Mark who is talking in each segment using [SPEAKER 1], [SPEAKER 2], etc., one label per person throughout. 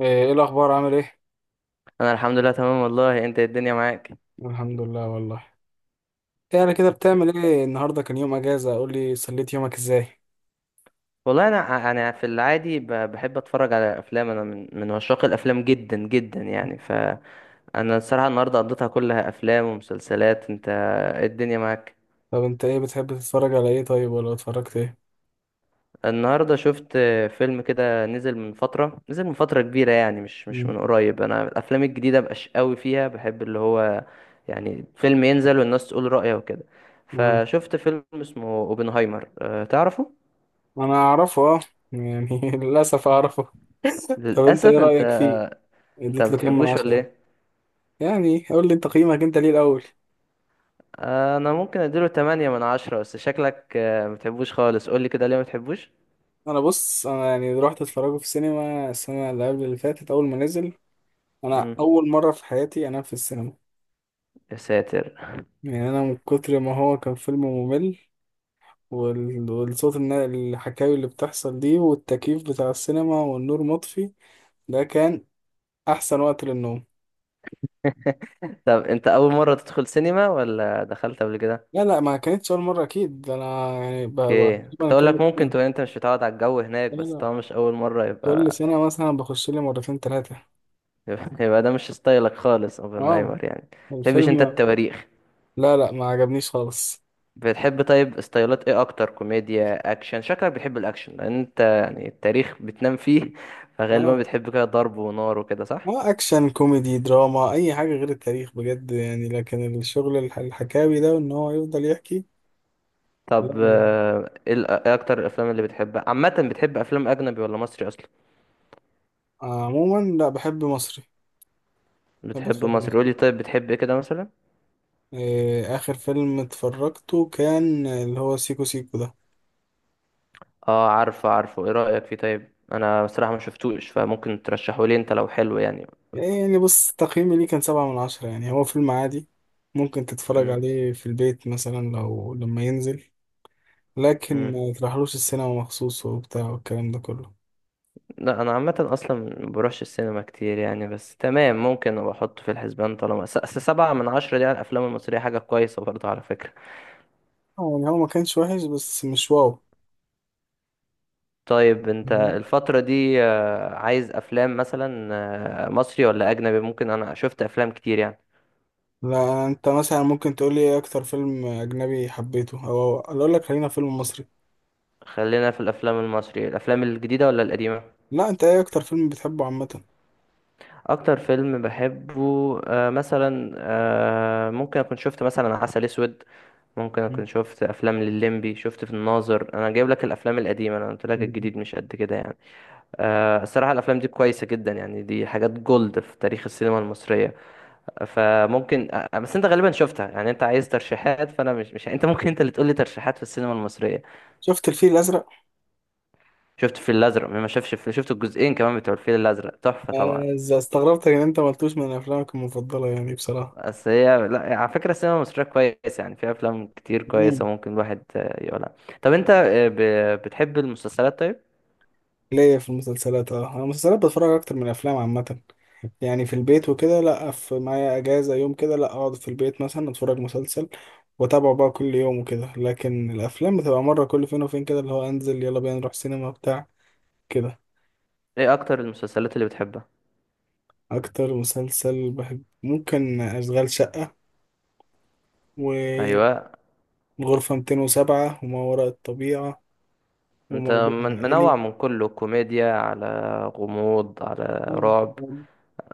[SPEAKER 1] ايه إيه الاخبار، عامل ايه؟
[SPEAKER 2] انا الحمد لله تمام والله، انت إيه الدنيا معاك؟
[SPEAKER 1] الحمد لله والله. ايه انا كده بتعمل ايه النهارده؟ كان يوم اجازه، قول لي سليت يومك ازاي.
[SPEAKER 2] والله انا في العادي، بحب اتفرج على افلام، انا من عشاق الافلام جدا جدا يعني، فانا الصراحه النهارده قضيتها كلها افلام ومسلسلات. انت إيه الدنيا معاك؟
[SPEAKER 1] طب انت ايه بتحب تتفرج على ايه؟ طيب ولا اتفرجت ايه؟
[SPEAKER 2] النهارده شفت فيلم كده، نزل من فتره كبيره يعني، مش
[SPEAKER 1] مم.
[SPEAKER 2] من قريب، انا الافلام الجديده مبقاش قوي فيها بحب، اللي هو يعني فيلم ينزل والناس تقول رايها وكده.
[SPEAKER 1] آه.
[SPEAKER 2] فشفت فيلم اسمه اوبنهايمر، تعرفه؟
[SPEAKER 1] انا اعرفه اه. يعني للاسف اعرفه. طب انت ايه
[SPEAKER 2] للاسف انت.
[SPEAKER 1] رايك فيه؟
[SPEAKER 2] انت ما
[SPEAKER 1] اديت له كام من
[SPEAKER 2] بتحبوش ولا
[SPEAKER 1] عشرة؟
[SPEAKER 2] ايه؟
[SPEAKER 1] يعني قول لي انت قيمك انت ليه الاول.
[SPEAKER 2] آه، انا ممكن اديله 8 من 10، بس شكلك ما بتحبوش خالص، قول لي كده ليه ما بتحبوش؟
[SPEAKER 1] انا بص يعني رحت اتفرجه في السينما السنه اللي قبل اللي فاتت اول ما نزل. انا
[SPEAKER 2] امم.
[SPEAKER 1] اول مره في حياتي انام في السينما.
[SPEAKER 2] يا ساتر.
[SPEAKER 1] يعني انا من كتر ما هو كان فيلم ممل. وال- والصوت الن- الحكاوي اللي بتحصل دي والتكييف بتاع السينما والنور مطفي، ده كان أحسن وقت للنوم.
[SPEAKER 2] طب انت اول مره تدخل سينما ولا دخلت قبل كده؟
[SPEAKER 1] لا ما كانتش أول مرة أكيد. ده أنا يعني
[SPEAKER 2] اوكي،
[SPEAKER 1] تقريبا
[SPEAKER 2] كنت اقول لك
[SPEAKER 1] كل
[SPEAKER 2] ممكن
[SPEAKER 1] سنة.
[SPEAKER 2] تكون انت مش متعود على الجو هناك،
[SPEAKER 1] لا
[SPEAKER 2] بس
[SPEAKER 1] لا
[SPEAKER 2] طبعا مش اول مره
[SPEAKER 1] كل
[SPEAKER 2] يبقى.
[SPEAKER 1] سنة مثلا بخش لي مرتين تلاتة.
[SPEAKER 2] يبقى ده مش ستايلك خالص
[SPEAKER 1] اه
[SPEAKER 2] اوبنهايمر، يعني ما بتحبش انت
[SPEAKER 1] الفيلم،
[SPEAKER 2] التواريخ.
[SPEAKER 1] لا ما عجبنيش خالص.
[SPEAKER 2] بتحب طيب، ستايلات ايه اكتر؟ كوميديا، اكشن؟ شكلك بتحب الاكشن لان انت يعني التاريخ بتنام فيه، فغالبا
[SPEAKER 1] اه.
[SPEAKER 2] بتحب كده ضرب ونار وكده، صح؟
[SPEAKER 1] اه اكشن كوميدي دراما اي حاجه غير التاريخ بجد، يعني لكن الشغل الحكاوي ده وان هو يفضل يحكي. لا
[SPEAKER 2] طب
[SPEAKER 1] ما-
[SPEAKER 2] إيه اكتر الافلام اللي بتحبها عامه، بتحب افلام اجنبي ولا مصري اصلا؟
[SPEAKER 1] عموما لا، بحب مصري. بحب
[SPEAKER 2] بتحب
[SPEAKER 1] اتفرج
[SPEAKER 2] مصري؟
[SPEAKER 1] مصري.
[SPEAKER 2] قولي طيب، بتحب ايه كده مثلا؟
[SPEAKER 1] إيه، آخر فيلم اتفرجته كان اللي هو سيكو سيكو ده.
[SPEAKER 2] اه عارفه عارفه، ايه رايك فيه طيب؟ انا بصراحه ما شفتوش، فممكن ترشحه لي انت لو حلو يعني.
[SPEAKER 1] يعني بص، تقييمي ليه كان سبعة من عشرة. يعني هو فيلم عادي، ممكن تتفرج
[SPEAKER 2] امم.
[SPEAKER 1] عليه في البيت مثلا لو لما ينزل، لكن
[SPEAKER 2] امم.
[SPEAKER 1] ما تروحلوش السينما مخصوص وبتاع والكلام ده كله.
[SPEAKER 2] لا، انا عامه اصلا ما بروحش السينما كتير يعني، بس تمام ممكن ابقى احطه في الحسبان، طالما سبعة من عشرة دي على الافلام المصريه حاجه كويسه برضه على فكره.
[SPEAKER 1] آه، يعني هو ما كانش وحش بس مش واو.
[SPEAKER 2] طيب انت
[SPEAKER 1] مهم.
[SPEAKER 2] الفتره دي عايز افلام مثلا مصري ولا اجنبي؟ ممكن، انا شفت افلام كتير يعني.
[SPEAKER 1] لا، انت مثلا ممكن تقول لي ايه اكتر فيلم اجنبي حبيته، او أنا اقول لك خلينا فيلم مصري.
[SPEAKER 2] خلينا في الافلام المصرية، الافلام الجديدة ولا القديمة؟
[SPEAKER 1] لا، انت ايه اكتر فيلم بتحبه عامة؟
[SPEAKER 2] اكتر فيلم بحبه مثلا، ممكن اكون شفت مثلا عسل اسود، ممكن اكون
[SPEAKER 1] مم.
[SPEAKER 2] شفت افلام لليمبي، شفت في الناظر. انا جايب لك الافلام القديمة، انا قلت لك الجديد مش قد كده يعني. الصراحة الافلام دي كويسة جدا يعني، دي حاجات جولد في تاريخ السينما المصرية، فممكن، بس انت غالبا شفتها يعني، انت عايز ترشيحات، فانا مش مش انت ممكن انت اللي تقول لي ترشيحات في السينما المصرية.
[SPEAKER 1] شفت الفيل الازرق.
[SPEAKER 2] شفت الفيل الازرق؟ مين ما شافش شفت الجزئين كمان بتوع الفيل الازرق، تحفة طبعا.
[SPEAKER 1] آه، استغربتك ان انت ما قلتوش من افلامك المفضله يعني بصراحه.
[SPEAKER 2] بس هي لا، على فكرة السينما المصرية كويس يعني، في أفلام كتير كويسة
[SPEAKER 1] مم.
[SPEAKER 2] ممكن الواحد يقولها. طب أنت بتحب المسلسلات طيب؟
[SPEAKER 1] ليا في المسلسلات اه. انا المسلسلات بتفرج اكتر من الافلام عامه. يعني في البيت وكده، لا في معايا اجازه يوم كده، لا اقعد في البيت مثلا اتفرج مسلسل واتابعه بقى كل يوم وكده. لكن الافلام بتبقى مره كل فين وفين كده، اللي هو انزل يلا بينا نروح سينما بتاع كده.
[SPEAKER 2] إيه أكتر المسلسلات اللي بتحبها؟
[SPEAKER 1] اكتر مسلسل بحب ممكن اشغال شقه، وغرفه
[SPEAKER 2] أيوة.
[SPEAKER 1] 207، وما وراء الطبيعه،
[SPEAKER 2] أنت
[SPEAKER 1] وموضوع
[SPEAKER 2] منوع
[SPEAKER 1] عائلي.
[SPEAKER 2] من كله، كوميديا، على غموض، على
[SPEAKER 1] اه.
[SPEAKER 2] رعب؟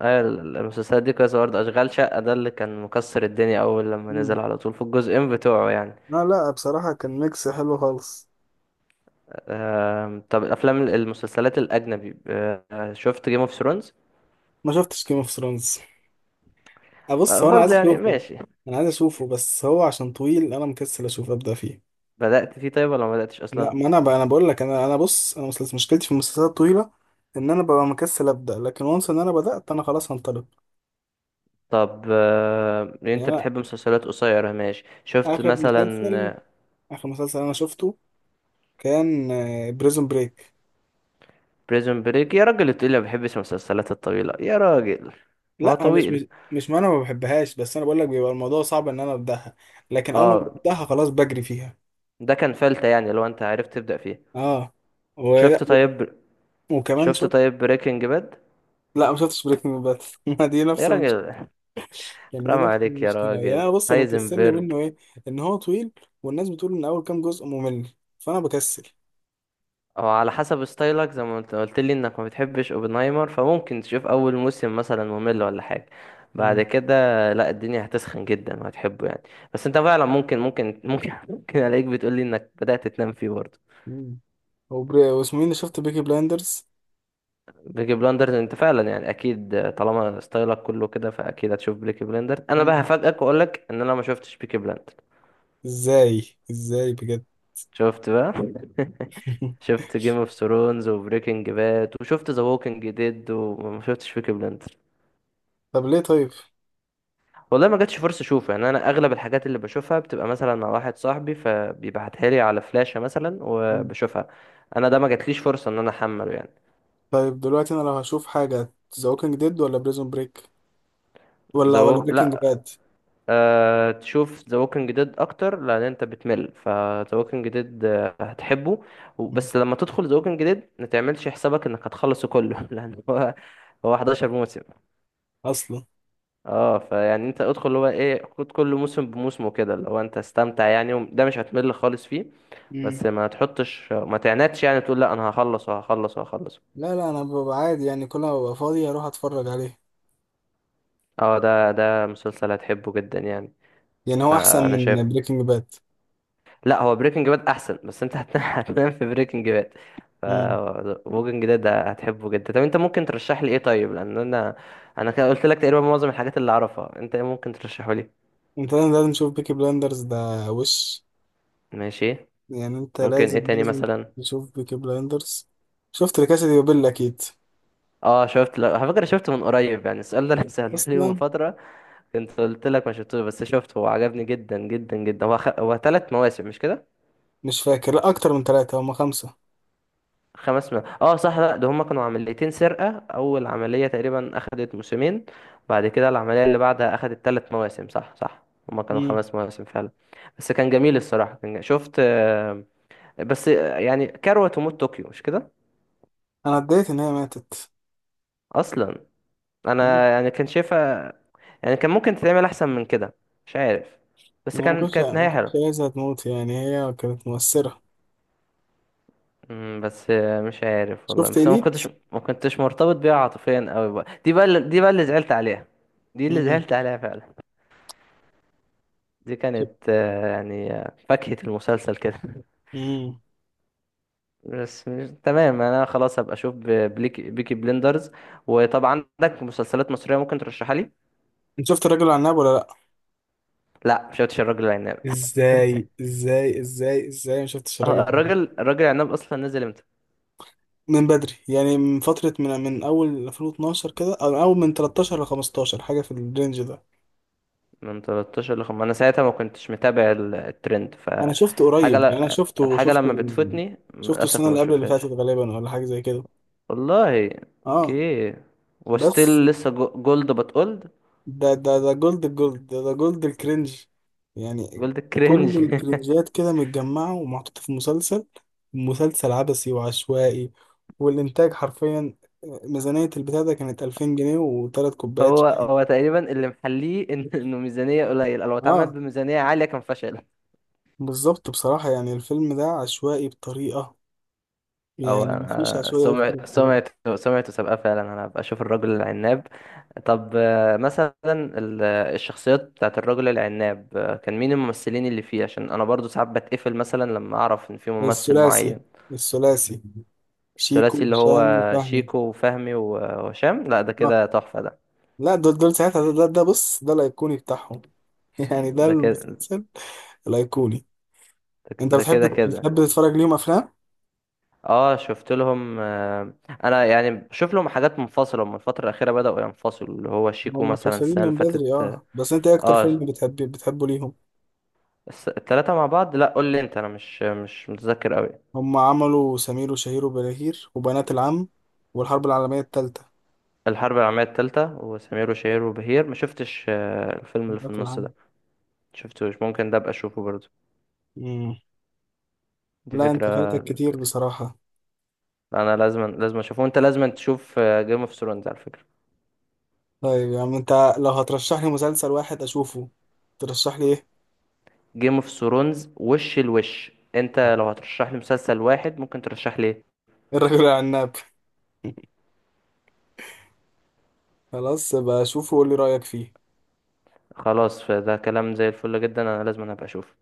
[SPEAKER 2] المسلسلات دي كويسة برضه، أشغال شقة ده اللي كان مكسر الدنيا أول لما نزل على طول في الجزئين بتوعه يعني.
[SPEAKER 1] لا بصراحة كان ميكس حلو خالص.
[SPEAKER 2] طب المسلسلات الأجنبي، شفت جيم اوف ثرونز؟
[SPEAKER 1] ما شفتش جيم اوف ثرونز. ابص هو انا لا عايز
[SPEAKER 2] برضه،
[SPEAKER 1] خطير
[SPEAKER 2] يعني
[SPEAKER 1] اشوفه.
[SPEAKER 2] ماشي.
[SPEAKER 1] انا عايز اشوفه بس هو عشان طويل انا مكسل اشوف ابدا فيه.
[SPEAKER 2] بدأت فيه طيب ولا ما بدأتش
[SPEAKER 1] لا
[SPEAKER 2] أصلا؟
[SPEAKER 1] ما انا بقى، انا بقول لك انا بص انا مسلسل مشكلتي في المسلسلات الطويلة ان انا ببقى مكسل ابدا، لكن وانس ان انا بدات انا خلاص هنطلق.
[SPEAKER 2] طب
[SPEAKER 1] يعني
[SPEAKER 2] انت
[SPEAKER 1] انا
[SPEAKER 2] بتحب مسلسلات قصيرة ماشي، شفت
[SPEAKER 1] اخر مسلسل،
[SPEAKER 2] مثلا؟
[SPEAKER 1] اخر مسلسل انا شفته كان بريزون بريك.
[SPEAKER 2] بريزون بريك، يا راجل تقول لي ما بحبش المسلسلات الطويلة! يا راجل، ما هو
[SPEAKER 1] لا انا مش مش
[SPEAKER 2] طويل.
[SPEAKER 1] مش ما انا ما بحبهاش، بس انا بقول لك بيبقى الموضوع صعب ان انا ابداها. لكن اول ما
[SPEAKER 2] اه،
[SPEAKER 1] ببداها خلاص بجري فيها.
[SPEAKER 2] ده كان فلتة يعني لو انت عرفت تبدأ فيه.
[SPEAKER 1] اه
[SPEAKER 2] شفت طيب؟
[SPEAKER 1] وكمان
[SPEAKER 2] شفت
[SPEAKER 1] شوف.
[SPEAKER 2] طيب بريكنج باد؟
[SPEAKER 1] لا ما شفتش بريكنج باد. ما دي
[SPEAKER 2] يا
[SPEAKER 1] نفس المشكله.
[SPEAKER 2] راجل،
[SPEAKER 1] يعني دي
[SPEAKER 2] رام
[SPEAKER 1] نفس
[SPEAKER 2] عليك يا
[SPEAKER 1] المشكله. يعني
[SPEAKER 2] راجل!
[SPEAKER 1] أنا بص، اللي مكسلني
[SPEAKER 2] هايزنبرج!
[SPEAKER 1] منه ايه؟ ان هو طويل، والناس بتقول ان اول كام جزء ممل، فانا بكسل.
[SPEAKER 2] او على حسب ستايلك زي ما انت قلت لي انك ما بتحبش اوبنهايمر، فممكن تشوف اول موسم مثلا ممل ولا حاجه بعد
[SPEAKER 1] امم.
[SPEAKER 2] كده. لا، الدنيا هتسخن جدا وهتحبه يعني. بس انت فعلا ممكن ممكن الاقيك بتقول لي انك بدأت تنام فيه برضه.
[SPEAKER 1] امم هو واسمه مين؟ اللي شفت بيكي بلايندرز.
[SPEAKER 2] بيكي بلاندرز! انت فعلا يعني اكيد طالما ستايلك كله كده فاكيد هتشوف بيكي بلاندرز، انا بقى
[SPEAKER 1] امم.
[SPEAKER 2] هفاجئك واقول لك ان انا ما شفتش بيكي بلاندرز.
[SPEAKER 1] ازاي بجد.
[SPEAKER 2] شفت بقى! شفت جيم اوف ثرونز وبريكنج باد، وشفت ذا ووكينج ديد، وما شفتش بيكي بلاندرز.
[SPEAKER 1] طب ليه طيب؟
[SPEAKER 2] والله ما جاتش فرصة اشوفه يعني، انا اغلب الحاجات اللي بشوفها بتبقى مثلا مع واحد صاحبي فبيبعتها لي على فلاشة مثلا
[SPEAKER 1] مم.
[SPEAKER 2] وبشوفها. انا ده ما جاتليش فرصة ان انا احمله يعني.
[SPEAKER 1] طيب دلوقتي انا لو هشوف حاجه، ذا ووكينج ديد ولا بريزون بريك ولا بريكنج
[SPEAKER 2] لا.
[SPEAKER 1] باد؟
[SPEAKER 2] تشوف ذا ووكينج ديد اكتر لان انت بتمل، فذا ووكينج ديد هتحبه. بس لما تدخل ذا ووكينج ديد ما تعملش حسابك انك هتخلصه كله لان هو 11 موسم.
[SPEAKER 1] اصلا.
[SPEAKER 2] اه فيعني، انت ادخل اللي هو ايه، خد كل موسم بموسمه كده اللي هو انت استمتع يعني، ده مش هتمل خالص فيه.
[SPEAKER 1] مم.
[SPEAKER 2] بس ما تحطش ما تعنتش يعني، تقول لا انا هخلص وهخلص وهخلص.
[SPEAKER 1] لا انا ببقى عادي، يعني كل ما ببقى فاضي اروح اتفرج عليه.
[SPEAKER 2] اه، ده مسلسل هتحبه جدا يعني
[SPEAKER 1] يعني هو احسن
[SPEAKER 2] فانا شايف.
[SPEAKER 1] من بريكنج باد؟
[SPEAKER 2] لا، هو بريكنج باد احسن بس انت هتنام هتنام في بريكنج باد، ف
[SPEAKER 1] مم.
[SPEAKER 2] ووكينج ديد ده هتحبه جدا. طب انت ممكن ترشح لي ايه طيب، لان انا كده قلت لك تقريبا معظم الحاجات اللي اعرفها، انت ايه ممكن ترشحه لي؟
[SPEAKER 1] انت لازم تشوف بيكي بلاندرز ده. وش
[SPEAKER 2] ماشي.
[SPEAKER 1] يعني انت
[SPEAKER 2] ممكن ايه
[SPEAKER 1] لازم
[SPEAKER 2] تاني
[SPEAKER 1] لازم
[SPEAKER 2] مثلا؟
[SPEAKER 1] تشوف بيكي بلاندرز. شفت لكاسة دي بابيل اكيد.
[SPEAKER 2] اه شفت، لا على فكره شفت من قريب يعني، السؤال ده انا سالته لي من
[SPEAKER 1] اصلا.
[SPEAKER 2] فتره، كنت قلت لك ما شفتوش بس شفته، هو عجبني جدا جدا جدا، هو ثلاث مواسم مش كده؟
[SPEAKER 1] مش فاكر، لا اكتر من ثلاثة، هما خمسة.
[SPEAKER 2] خمس م... اه صح، لا ده هما كانوا عمليتين سرقة، اول عملية تقريبا اخدت موسمين، بعد كده العملية اللي بعدها اخدت ثلاث مواسم. صح، صح. هما كانوا
[SPEAKER 1] مم.
[SPEAKER 2] خمس مواسم فعلا. بس كان جميل الصراحة، شفت. آه، بس يعني كروة تموت، طوكيو مش كده؟
[SPEAKER 1] انا اتضايقت ان هي ماتت.
[SPEAKER 2] اصلا،
[SPEAKER 1] مم.
[SPEAKER 2] انا يعني كان شايفها، يعني كان ممكن تتعمل احسن من كده، مش عارف. بس
[SPEAKER 1] يعني ما
[SPEAKER 2] كان
[SPEAKER 1] كنتش
[SPEAKER 2] كانت
[SPEAKER 1] ما
[SPEAKER 2] نهاية
[SPEAKER 1] كنتش
[SPEAKER 2] حلوة.
[SPEAKER 1] عايزها تموت، يعني هي كانت مؤثرة.
[SPEAKER 2] بس مش عارف والله،
[SPEAKER 1] شفت
[SPEAKER 2] بس أنا ما
[SPEAKER 1] اليت.
[SPEAKER 2] كنتش ما كنتش مرتبط بيها عاطفيا قوي، بقى دي بقى دي بقى اللي زعلت عليها، دي اللي
[SPEAKER 1] مم.
[SPEAKER 2] زعلت عليها فعلا. دي
[SPEAKER 1] شف-
[SPEAKER 2] كانت يعني فاكهة المسلسل كده.
[SPEAKER 1] مم.
[SPEAKER 2] بس مش... تمام، انا خلاص هبقى اشوف بيكي بليندرز. وطب عندك مسلسلات مصرية ممكن ترشحها لي؟
[SPEAKER 1] انت شفت الراجل العناب ولا لا؟
[SPEAKER 2] لا، مش شفتش الراجل العناب.
[SPEAKER 1] ازاي ما شفتش
[SPEAKER 2] اه،
[SPEAKER 1] الراجل.
[SPEAKER 2] الراجل العناب اصلا نزل امتى؟
[SPEAKER 1] من بدري، يعني من فترة، من أول 2012 كده، أو من أول من 13 ل 15، حاجة في الرينج ده.
[SPEAKER 2] من 13 ل 5، انا ساعتها ما كنتش متابع الترند،
[SPEAKER 1] أنا شفته
[SPEAKER 2] فالحاجة
[SPEAKER 1] قريب، يعني أنا شفته
[SPEAKER 2] الحاجة
[SPEAKER 1] شفته
[SPEAKER 2] لما بتفوتني
[SPEAKER 1] شفته
[SPEAKER 2] للاسف
[SPEAKER 1] السنة
[SPEAKER 2] ما
[SPEAKER 1] اللي قبل اللي فاتت
[SPEAKER 2] بشوفهاش.
[SPEAKER 1] غالبا، ولا حاجة زي كده.
[SPEAKER 2] والله.
[SPEAKER 1] أه.
[SPEAKER 2] اوكي.
[SPEAKER 1] بس
[SPEAKER 2] وستيل لسه جولد، بتقولد
[SPEAKER 1] ده جولد، الجولد ده، ده جولد الكرنج يعني.
[SPEAKER 2] جولد
[SPEAKER 1] كل
[SPEAKER 2] كرينج.
[SPEAKER 1] الكرنجات كده متجمعة ومحطوطة في مسلسل عبثي وعشوائي. والإنتاج حرفيا، آه، ميزانية البتاع ده كانت 2000 جنيه وتلات كوبايات
[SPEAKER 2] هو
[SPEAKER 1] شاي.
[SPEAKER 2] هو تقريبا اللي محليه انه ميزانيه قليله، لو اتعمل
[SPEAKER 1] اه
[SPEAKER 2] بميزانيه عاليه كان فشل.
[SPEAKER 1] بالظبط. بصراحة يعني الفيلم ده عشوائي بطريقة،
[SPEAKER 2] او
[SPEAKER 1] يعني مفيش عشوائية أكتر
[SPEAKER 2] سمعة
[SPEAKER 1] من كده.
[SPEAKER 2] سمعته سمعته سابقه فعلا، انا هبقى اشوف الرجل العناب. طب مثلا الشخصيات بتاعت الرجل العناب كان مين الممثلين اللي فيه؟ عشان انا برضو ساعات بتقفل مثلا لما اعرف ان في ممثل
[SPEAKER 1] الثلاثي
[SPEAKER 2] معين.
[SPEAKER 1] الثلاثي شيكو
[SPEAKER 2] الثلاثي اللي
[SPEAKER 1] هشام
[SPEAKER 2] هو
[SPEAKER 1] وفهمي.
[SPEAKER 2] شيكو وفهمي وهشام. لا ده
[SPEAKER 1] اه
[SPEAKER 2] كده تحفة ده.
[SPEAKER 1] لا دول ساعتها، ده بص، ده الأيقوني بتاعهم. يعني ده
[SPEAKER 2] ده كده،
[SPEAKER 1] المسلسل الأيقوني. أنت
[SPEAKER 2] ده
[SPEAKER 1] بتحب
[SPEAKER 2] كده كده.
[SPEAKER 1] بتحب تتفرج ليهم أفلام؟
[SPEAKER 2] اه، شفت لهم. انا يعني بشوف لهم حاجات منفصله، هم الفتره الاخيره بداوا ينفصلوا، اللي هو شيكو
[SPEAKER 1] هم
[SPEAKER 2] مثلا
[SPEAKER 1] منفصلين
[SPEAKER 2] السنه
[SPEAKER 1] من
[SPEAKER 2] اللي
[SPEAKER 1] بدري
[SPEAKER 2] فاتت.
[SPEAKER 1] اه، بس أنت إيه أكتر
[SPEAKER 2] اه
[SPEAKER 1] فيلم بتحبه ليهم؟
[SPEAKER 2] التلاته مع بعض، لا قول لي انت، انا مش متذكر قوي.
[SPEAKER 1] هم عملوا سمير وشهير وبهير، وبنات العم، والحرب العالمية التالتة.
[SPEAKER 2] الحرب العالميه التالته وسمير وشهير وبهير ما شفتش. الفيلم اللي في
[SPEAKER 1] بنات
[SPEAKER 2] النص
[SPEAKER 1] العم.
[SPEAKER 2] ده شفتوش؟ ممكن ده ابقى اشوفه برضه،
[SPEAKER 1] مم.
[SPEAKER 2] دي
[SPEAKER 1] لا أنت
[SPEAKER 2] فكره
[SPEAKER 1] فايتك كتير
[SPEAKER 2] كويسه.
[SPEAKER 1] بصراحة.
[SPEAKER 2] انا لازم لازم اشوفه، وانت لازم تشوف جيم اوف ثرونز على فكره.
[SPEAKER 1] طيب يا عم انت، لو هترشح لي مسلسل واحد اشوفه، ترشح لي ايه؟
[SPEAKER 2] جيم اوف ثرونز، وش الوش! انت لو هترشح لي مسلسل واحد ممكن ترشح لي إيه؟
[SPEAKER 1] الرجل العناب. خلاص بقى اشوفه وقول لي رايك فيه.
[SPEAKER 2] خلاص، فده كلام زي الفل جدا، انا لازم أنا ابقى اشوف.